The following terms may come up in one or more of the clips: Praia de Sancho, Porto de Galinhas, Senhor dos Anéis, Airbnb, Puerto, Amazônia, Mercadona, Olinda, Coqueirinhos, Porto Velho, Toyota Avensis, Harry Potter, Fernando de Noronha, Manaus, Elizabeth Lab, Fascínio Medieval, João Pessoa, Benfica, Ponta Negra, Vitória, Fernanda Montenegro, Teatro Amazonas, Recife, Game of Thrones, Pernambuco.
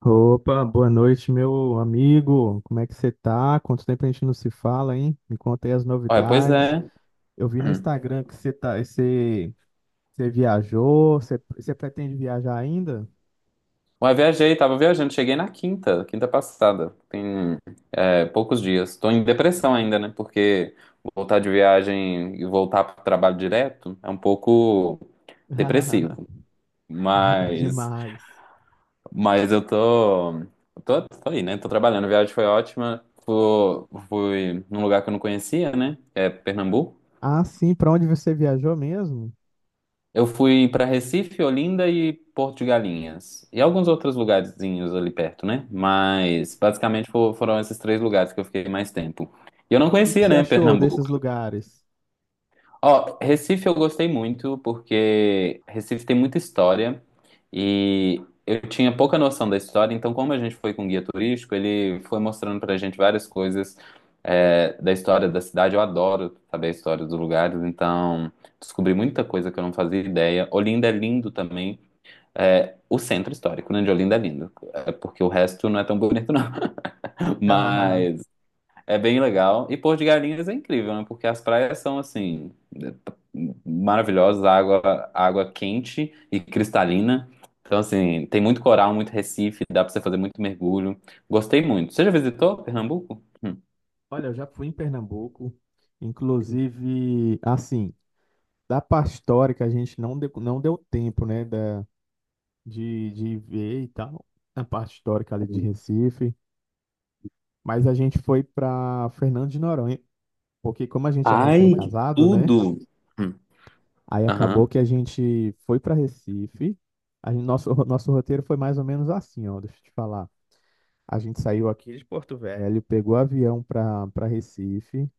Opa, boa noite, meu amigo. Como é que você tá? Quanto tempo a gente não se fala, hein? Me conta aí as Ué, pois novidades. é. Eu vi no Hum. Instagram que você tá, você, você viajou, você, você pretende viajar ainda? Ué, viajei, tava viajando, cheguei na quinta, quinta passada. Tem poucos dias. Tô em depressão ainda, né? Porque voltar de viagem e voltar pro trabalho direto é um pouco depressivo. Mas, Demais. mas eu tô aí, né? Tô trabalhando. A viagem foi ótima. Fui num lugar que eu não conhecia, né? É Pernambuco. Ah, sim, pra onde você viajou mesmo? O Eu fui para Recife, Olinda e Porto de Galinhas. E alguns outros lugarzinhos ali perto, né? que, Mas basicamente foram esses três lugares que eu fiquei mais tempo. E eu não que conhecia, você né, achou Pernambuco. desses lugares? Ó, Recife eu gostei muito porque Recife tem muita história e eu tinha pouca noção da história, então como a gente foi com guia turístico, ele foi mostrando pra gente várias coisas, da história da cidade. Eu adoro saber a história dos lugares, então descobri muita coisa que eu não fazia ideia. Olinda é lindo também. É, o centro histórico, né, de Olinda é lindo, porque o resto não é tão bonito, não. Mas é bem legal. E Porto de Galinhas é incrível, né? Porque as praias são assim maravilhosas, água quente e cristalina. Então assim, tem muito coral, muito recife, dá pra você fazer muito mergulho. Gostei muito. Você já visitou Pernambuco? Hum. Olha, eu já fui em Pernambuco, inclusive, assim, da parte histórica a gente não deu tempo, né? De ver e tal, a parte histórica ali de Recife. Mas a gente foi para Fernando de Noronha, porque como a gente é Ai, que recém-casado, né? tudo! Hum. Aí acabou Aham. que a gente foi para Recife. A gente, nosso, nosso roteiro foi mais ou menos assim, ó, deixa eu te falar. A gente saiu aqui de Porto Velho, pegou avião para Recife.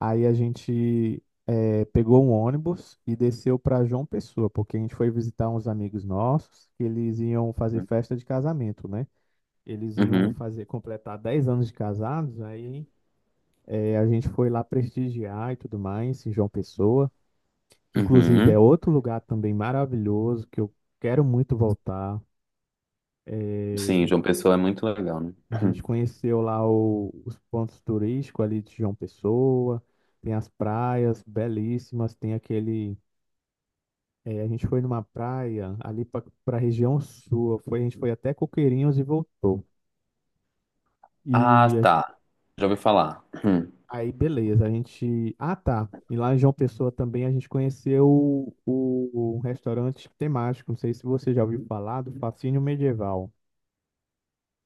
Aí a gente pegou um ônibus e desceu para João Pessoa, porque a gente foi visitar uns amigos nossos que eles iam fazer festa de casamento, né? Eles iam Uhum. fazer, completar 10 anos de casados, aí a gente foi lá prestigiar e tudo mais, em João Pessoa, que inclusive é Uhum. outro lugar também maravilhoso, que eu quero muito voltar. Sim, Eh, João Pessoa é muito legal, né? a Hum. gente conheceu lá os pontos turísticos ali de João Pessoa, tem as praias belíssimas, tem aquele. A gente foi numa praia ali para a região sul, foi, a gente foi até Coqueirinhos e voltou. Ah, E tá. Já ouvi falar. Hum. aí, beleza, a gente. Ah, tá. E lá em João Pessoa também a gente conheceu o restaurante temático. Não sei se você já ouviu falar do Fascínio Medieval.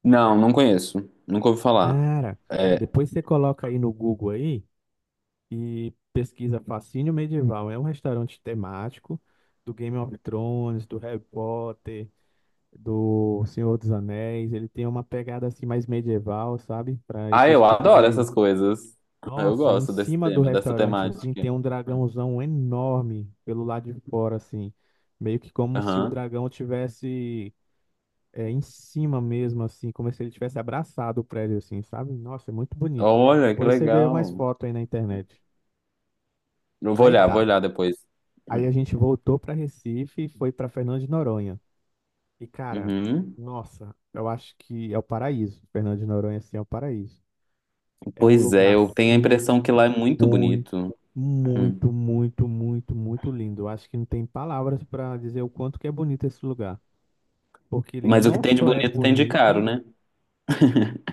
Não, não conheço. Nunca ouvi falar. Cara, É, depois você coloca aí no Google aí e pesquisa Fascínio Medieval. É um restaurante temático do Game of Thrones, do Harry Potter, do Senhor dos Anéis. Ele tem uma pegada assim mais medieval, sabe? Para Ah, esse eu tipo adoro de essas coisas. Eu Nossa, em gosto desse cima do tema, dessa restaurante, assim, temática. tem um dragãozão enorme pelo lado de fora, assim. Meio que como se o Aham. dragão tivesse é, em cima mesmo, assim, como se ele tivesse abraçado o prédio, assim, sabe? Nossa, é muito bonito. Olha, que Depois você vê mais legal. foto aí na internet. Eu Aí vou tá. olhar depois. Aí a gente voltou pra Recife e foi pra Fernando de Noronha. E, cara, Uhum. nossa, eu acho que é o paraíso. Fernando de Noronha, assim, é o paraíso. É um Pois é, lugar eu tenho a assim impressão que lá é muito muito, bonito. Uhum. muito, muito, muito, muito lindo. Eu acho que não tem palavras para dizer o quanto que é bonito esse lugar, porque ele Mas o que não tem de só é bonito tem de caro, bonito, né?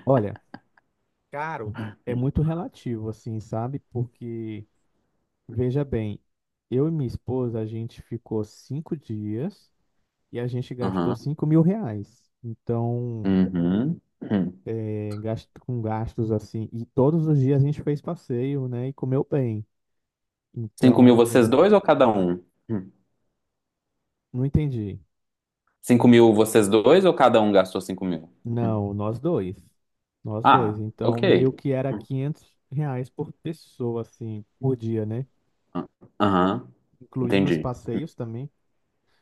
olha, caro é muito relativo, assim, sabe? Porque veja bem, eu e minha esposa a gente ficou 5 dias e a gente gastou Aham. R$ 5.000. Então, Uhum. Uhum. Com gastos assim, e todos os dias a gente fez passeio, né? E comeu bem. 5 mil vocês Então, dois ou cada um? Uhum. não entendi. 5 mil vocês dois ou cada um gastou 5 mil? Uhum. Não, nós dois. Nós dois. Ah, Então, ok. meio que era Uhum. R$ 500 por pessoa, assim, por dia, né? Aham, Incluindo os entendi. passeios também.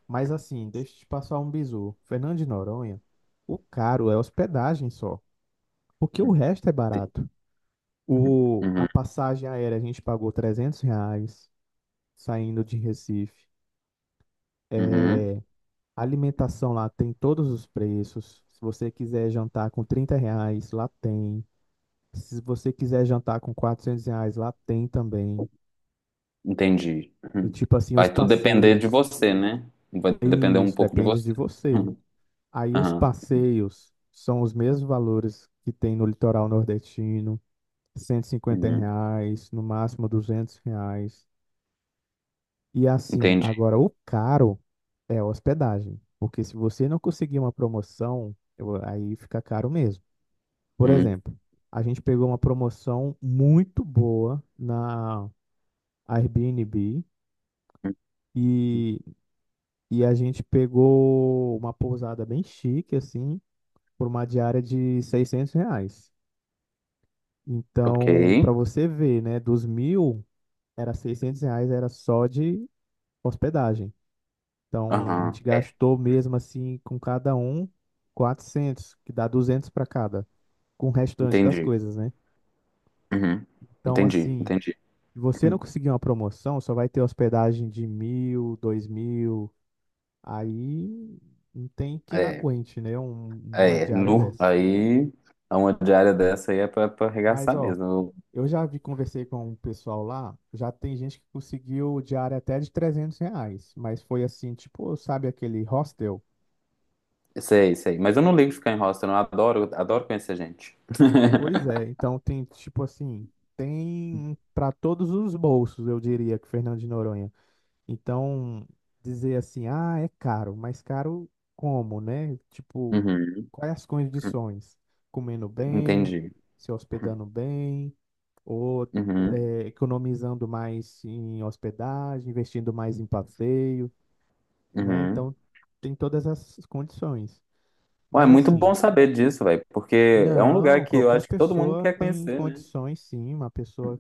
Mas, assim, deixa eu te passar um bizu. Fernando de Noronha, o caro é hospedagem só, porque o Uhum. resto é barato. O, a Uhum. passagem aérea a gente pagou R$ 300 saindo de Recife. Uhum. A alimentação lá tem todos os preços. Se você quiser jantar com R$ 30, lá tem. Se você quiser jantar com R$ 400, lá tem também. Entendi. E Uhum. tipo assim, os Vai tudo depender de passeios. você, né? Vai depender um Isso, pouco de depende você. de você. Uhum. Aí os Aham. passeios são os mesmos valores que tem no litoral nordestino, cento e cinquenta Uhum. reais, no máximo R$ 200. E assim, Entendi. agora o caro é a hospedagem. Porque se você não conseguir uma promoção, aí fica caro mesmo. Por Uhum. exemplo, a gente pegou uma promoção muito boa na Airbnb. E, e a gente pegou uma pousada bem chique, assim, por uma diária de R$ 600. Ok. Então, para você ver, né, dos 1.000, era R$ 600, era só de hospedagem. Então, a Aham. gente É. gastou mesmo assim, com cada um, 400 que dá 200 para cada, com o restante das Entendi. coisas, né? Uhum. Então, Entendi, assim, entendi. se você não Uhum. conseguir uma promoção, só vai ter hospedagem de 1.000, 2.000. Aí não tem quem É, aguente, né? Uma é, diária nu. dessa. Aí, a uma diária dessa aí é pra Mas, arregaçar ó, mesmo. eu já vi, conversei com o pessoal lá, já tem gente que conseguiu diária até de R$ 300. Mas foi assim, tipo, sabe aquele hostel? Eu sei, sei. Mas eu não ligo de ficar em hostel, não. Eu adoro, adoro conhecer gente. Pois é, então tem, tipo assim, tem para todos os bolsos, eu diria, que Fernando de Noronha. Então, dizer assim, ah, é caro, mas caro como, né? Tipo, Uhum. quais as condições? Comendo bem, Entendi. se Uhum. hospedando bem, ou Uhum. Economizando mais em hospedagem, investindo mais em passeio, né? Uhum. Então, tem todas as condições. Ué, é Mas muito bom assim, saber disso, velho, porque é um lugar não, que eu qualquer acho que todo mundo pessoa quer tem conhecer, né? condições, sim, uma pessoa.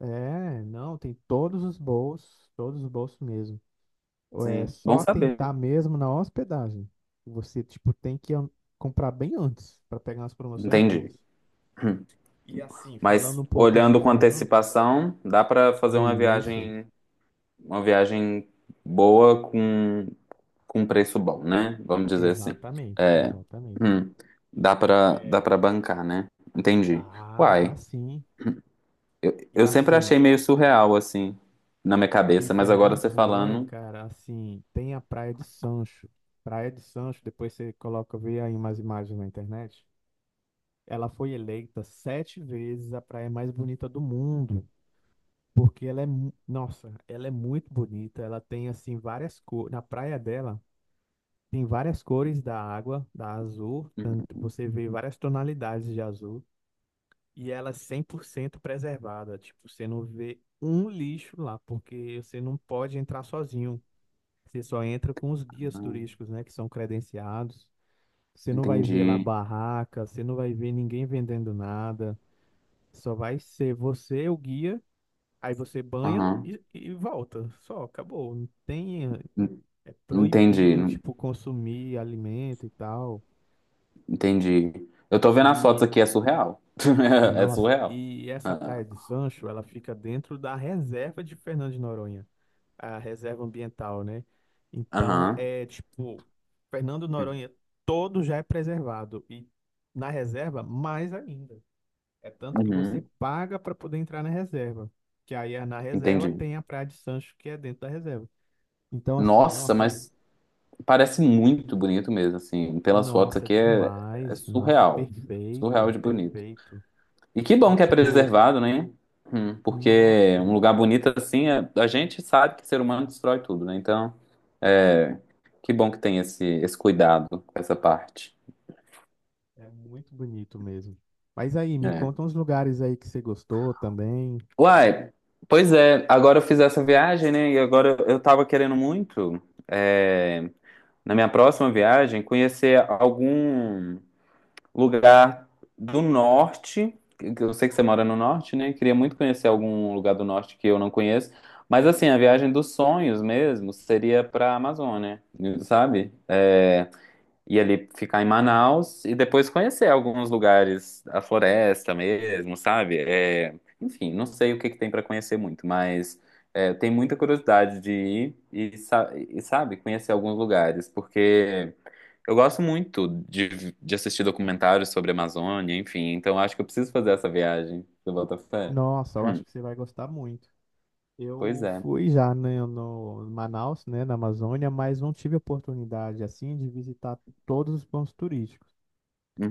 É, não, tem todos os bolsos mesmo. É Sim, bom só saber. tentar mesmo na hospedagem. Você, tipo, tem que comprar bem antes para pegar umas promoções Entendi. boas. E assim, falando Mas um pouco de olhando com Fernando, antecipação, dá pra fazer e isso, uma viagem boa com preço bom, né? Vamos dizer assim. exatamente, É, exatamente. hum, dá É, para bancar, né? Entendi. dá, dá Uai, sim. E eu sempre assim, achei meio surreal assim na minha e cabeça, mas agora Fernando você de Noronha, falando. cara, assim, tem a Praia de Sancho. Praia de Sancho, depois você coloca, vê aí umas imagens na internet. Ela foi eleita sete vezes a praia mais bonita do mundo. Porque ela é, nossa, ela é muito bonita. Ela tem assim várias cores. Na praia dela tem várias cores da água, da azul. Você vê várias tonalidades de azul. E ela é 100% preservada. Tipo, você não vê um lixo lá, porque você não pode entrar sozinho. Você só entra com os guias Uhum. turísticos, né, que são credenciados. Você não vai ver lá entendi. barraca, você não vai ver ninguém vendendo nada. Só vai ser você, o guia. Aí você banha Aham. e volta. Só, acabou. Não tem, En- é Entendi. proibido, tipo, consumir alimento e tal. Entendi. Eu tô vendo as fotos E, aqui, é surreal. É nossa, surreal. e essa Ah, Praia de Sancho, ela fica dentro da reserva de Fernando de Noronha, a reserva ambiental, né? Então, aham. é tipo, Fernando de Noronha todo já é preservado. E na reserva, mais ainda. É tanto que você Uhum. paga para poder entrar na reserva. Que aí é na reserva Entendi. tem a Praia de Sancho, que é dentro da reserva. Então, assim, Nossa, nossa, mas parece muito bonito mesmo, assim. Pelas fotos nossa, é aqui é demais, nossa, é surreal. Surreal perfeito, de bonito. perfeito. E que E, bom que é tipo, preservado, né? Porque nossa, um lugar bonito assim, a gente sabe que o ser humano destrói tudo, né? Então, é que bom que tem esse cuidado com essa parte. é muito bonito mesmo. Mas aí, me É. conta uns lugares aí que você gostou também. Uai, pois é, agora eu fiz essa viagem, né? E agora eu tava querendo muito, é, na minha próxima viagem, conhecer algum lugar do norte. Que Eu sei que você mora no norte, né? Queria muito conhecer algum lugar do norte que eu não conheço. Mas assim, a viagem dos sonhos mesmo seria pra Amazônia, sabe? É, e ali ficar em Manaus e depois conhecer alguns lugares, a floresta mesmo, sabe? É, enfim, não sei o que que tem para conhecer muito, mas tem muita curiosidade de ir e, sabe, conhecer alguns lugares, porque eu gosto muito de assistir documentários sobre a Amazônia, enfim, então acho que eu preciso fazer essa viagem. Você bota fé? Nossa, eu acho Hum, que você vai gostar muito. Pois Eu é. fui já né, no Manaus, né, na Amazônia, mas não tive oportunidade, assim, de visitar todos os pontos turísticos.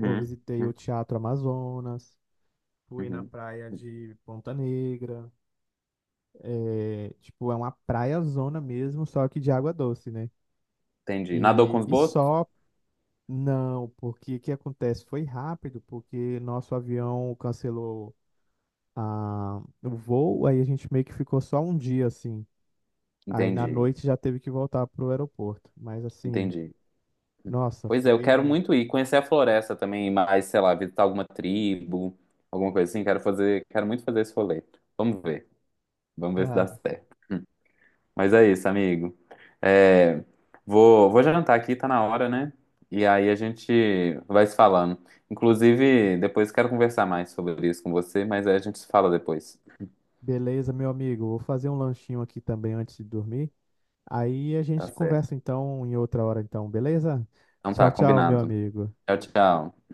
Eu visitei o uhum, Teatro Amazonas, fui na uhum. praia hum, de Ponta Negra. É, tipo, é uma praia zona mesmo, só que de água doce, né? Entendi. Nadou com E, os e botos? só não, porque o que acontece? Foi rápido, porque nosso avião cancelou o voo, aí a gente meio que ficou só um dia assim. Aí na Entendi, noite já teve que voltar pro aeroporto. Mas assim, entendi. nossa, Pois é, eu quero foi. muito ir conhecer a floresta também, mas sei lá, visitar alguma tribo, alguma coisa assim. Quero muito fazer esse rolê. Vamos ver, vamos ver se dá Ah, certo. Mas é isso, amigo. É, vou jantar aqui, tá na hora, né? E aí a gente vai se falando. Inclusive, depois quero conversar mais sobre isso com você, mas aí a gente se fala depois. beleza, meu amigo, vou fazer um lanchinho aqui também antes de dormir. Aí a Tá gente certo. conversa então em outra hora, então, beleza? Então Tchau, tá, tchau, meu combinado. amigo. Tchau, tchau.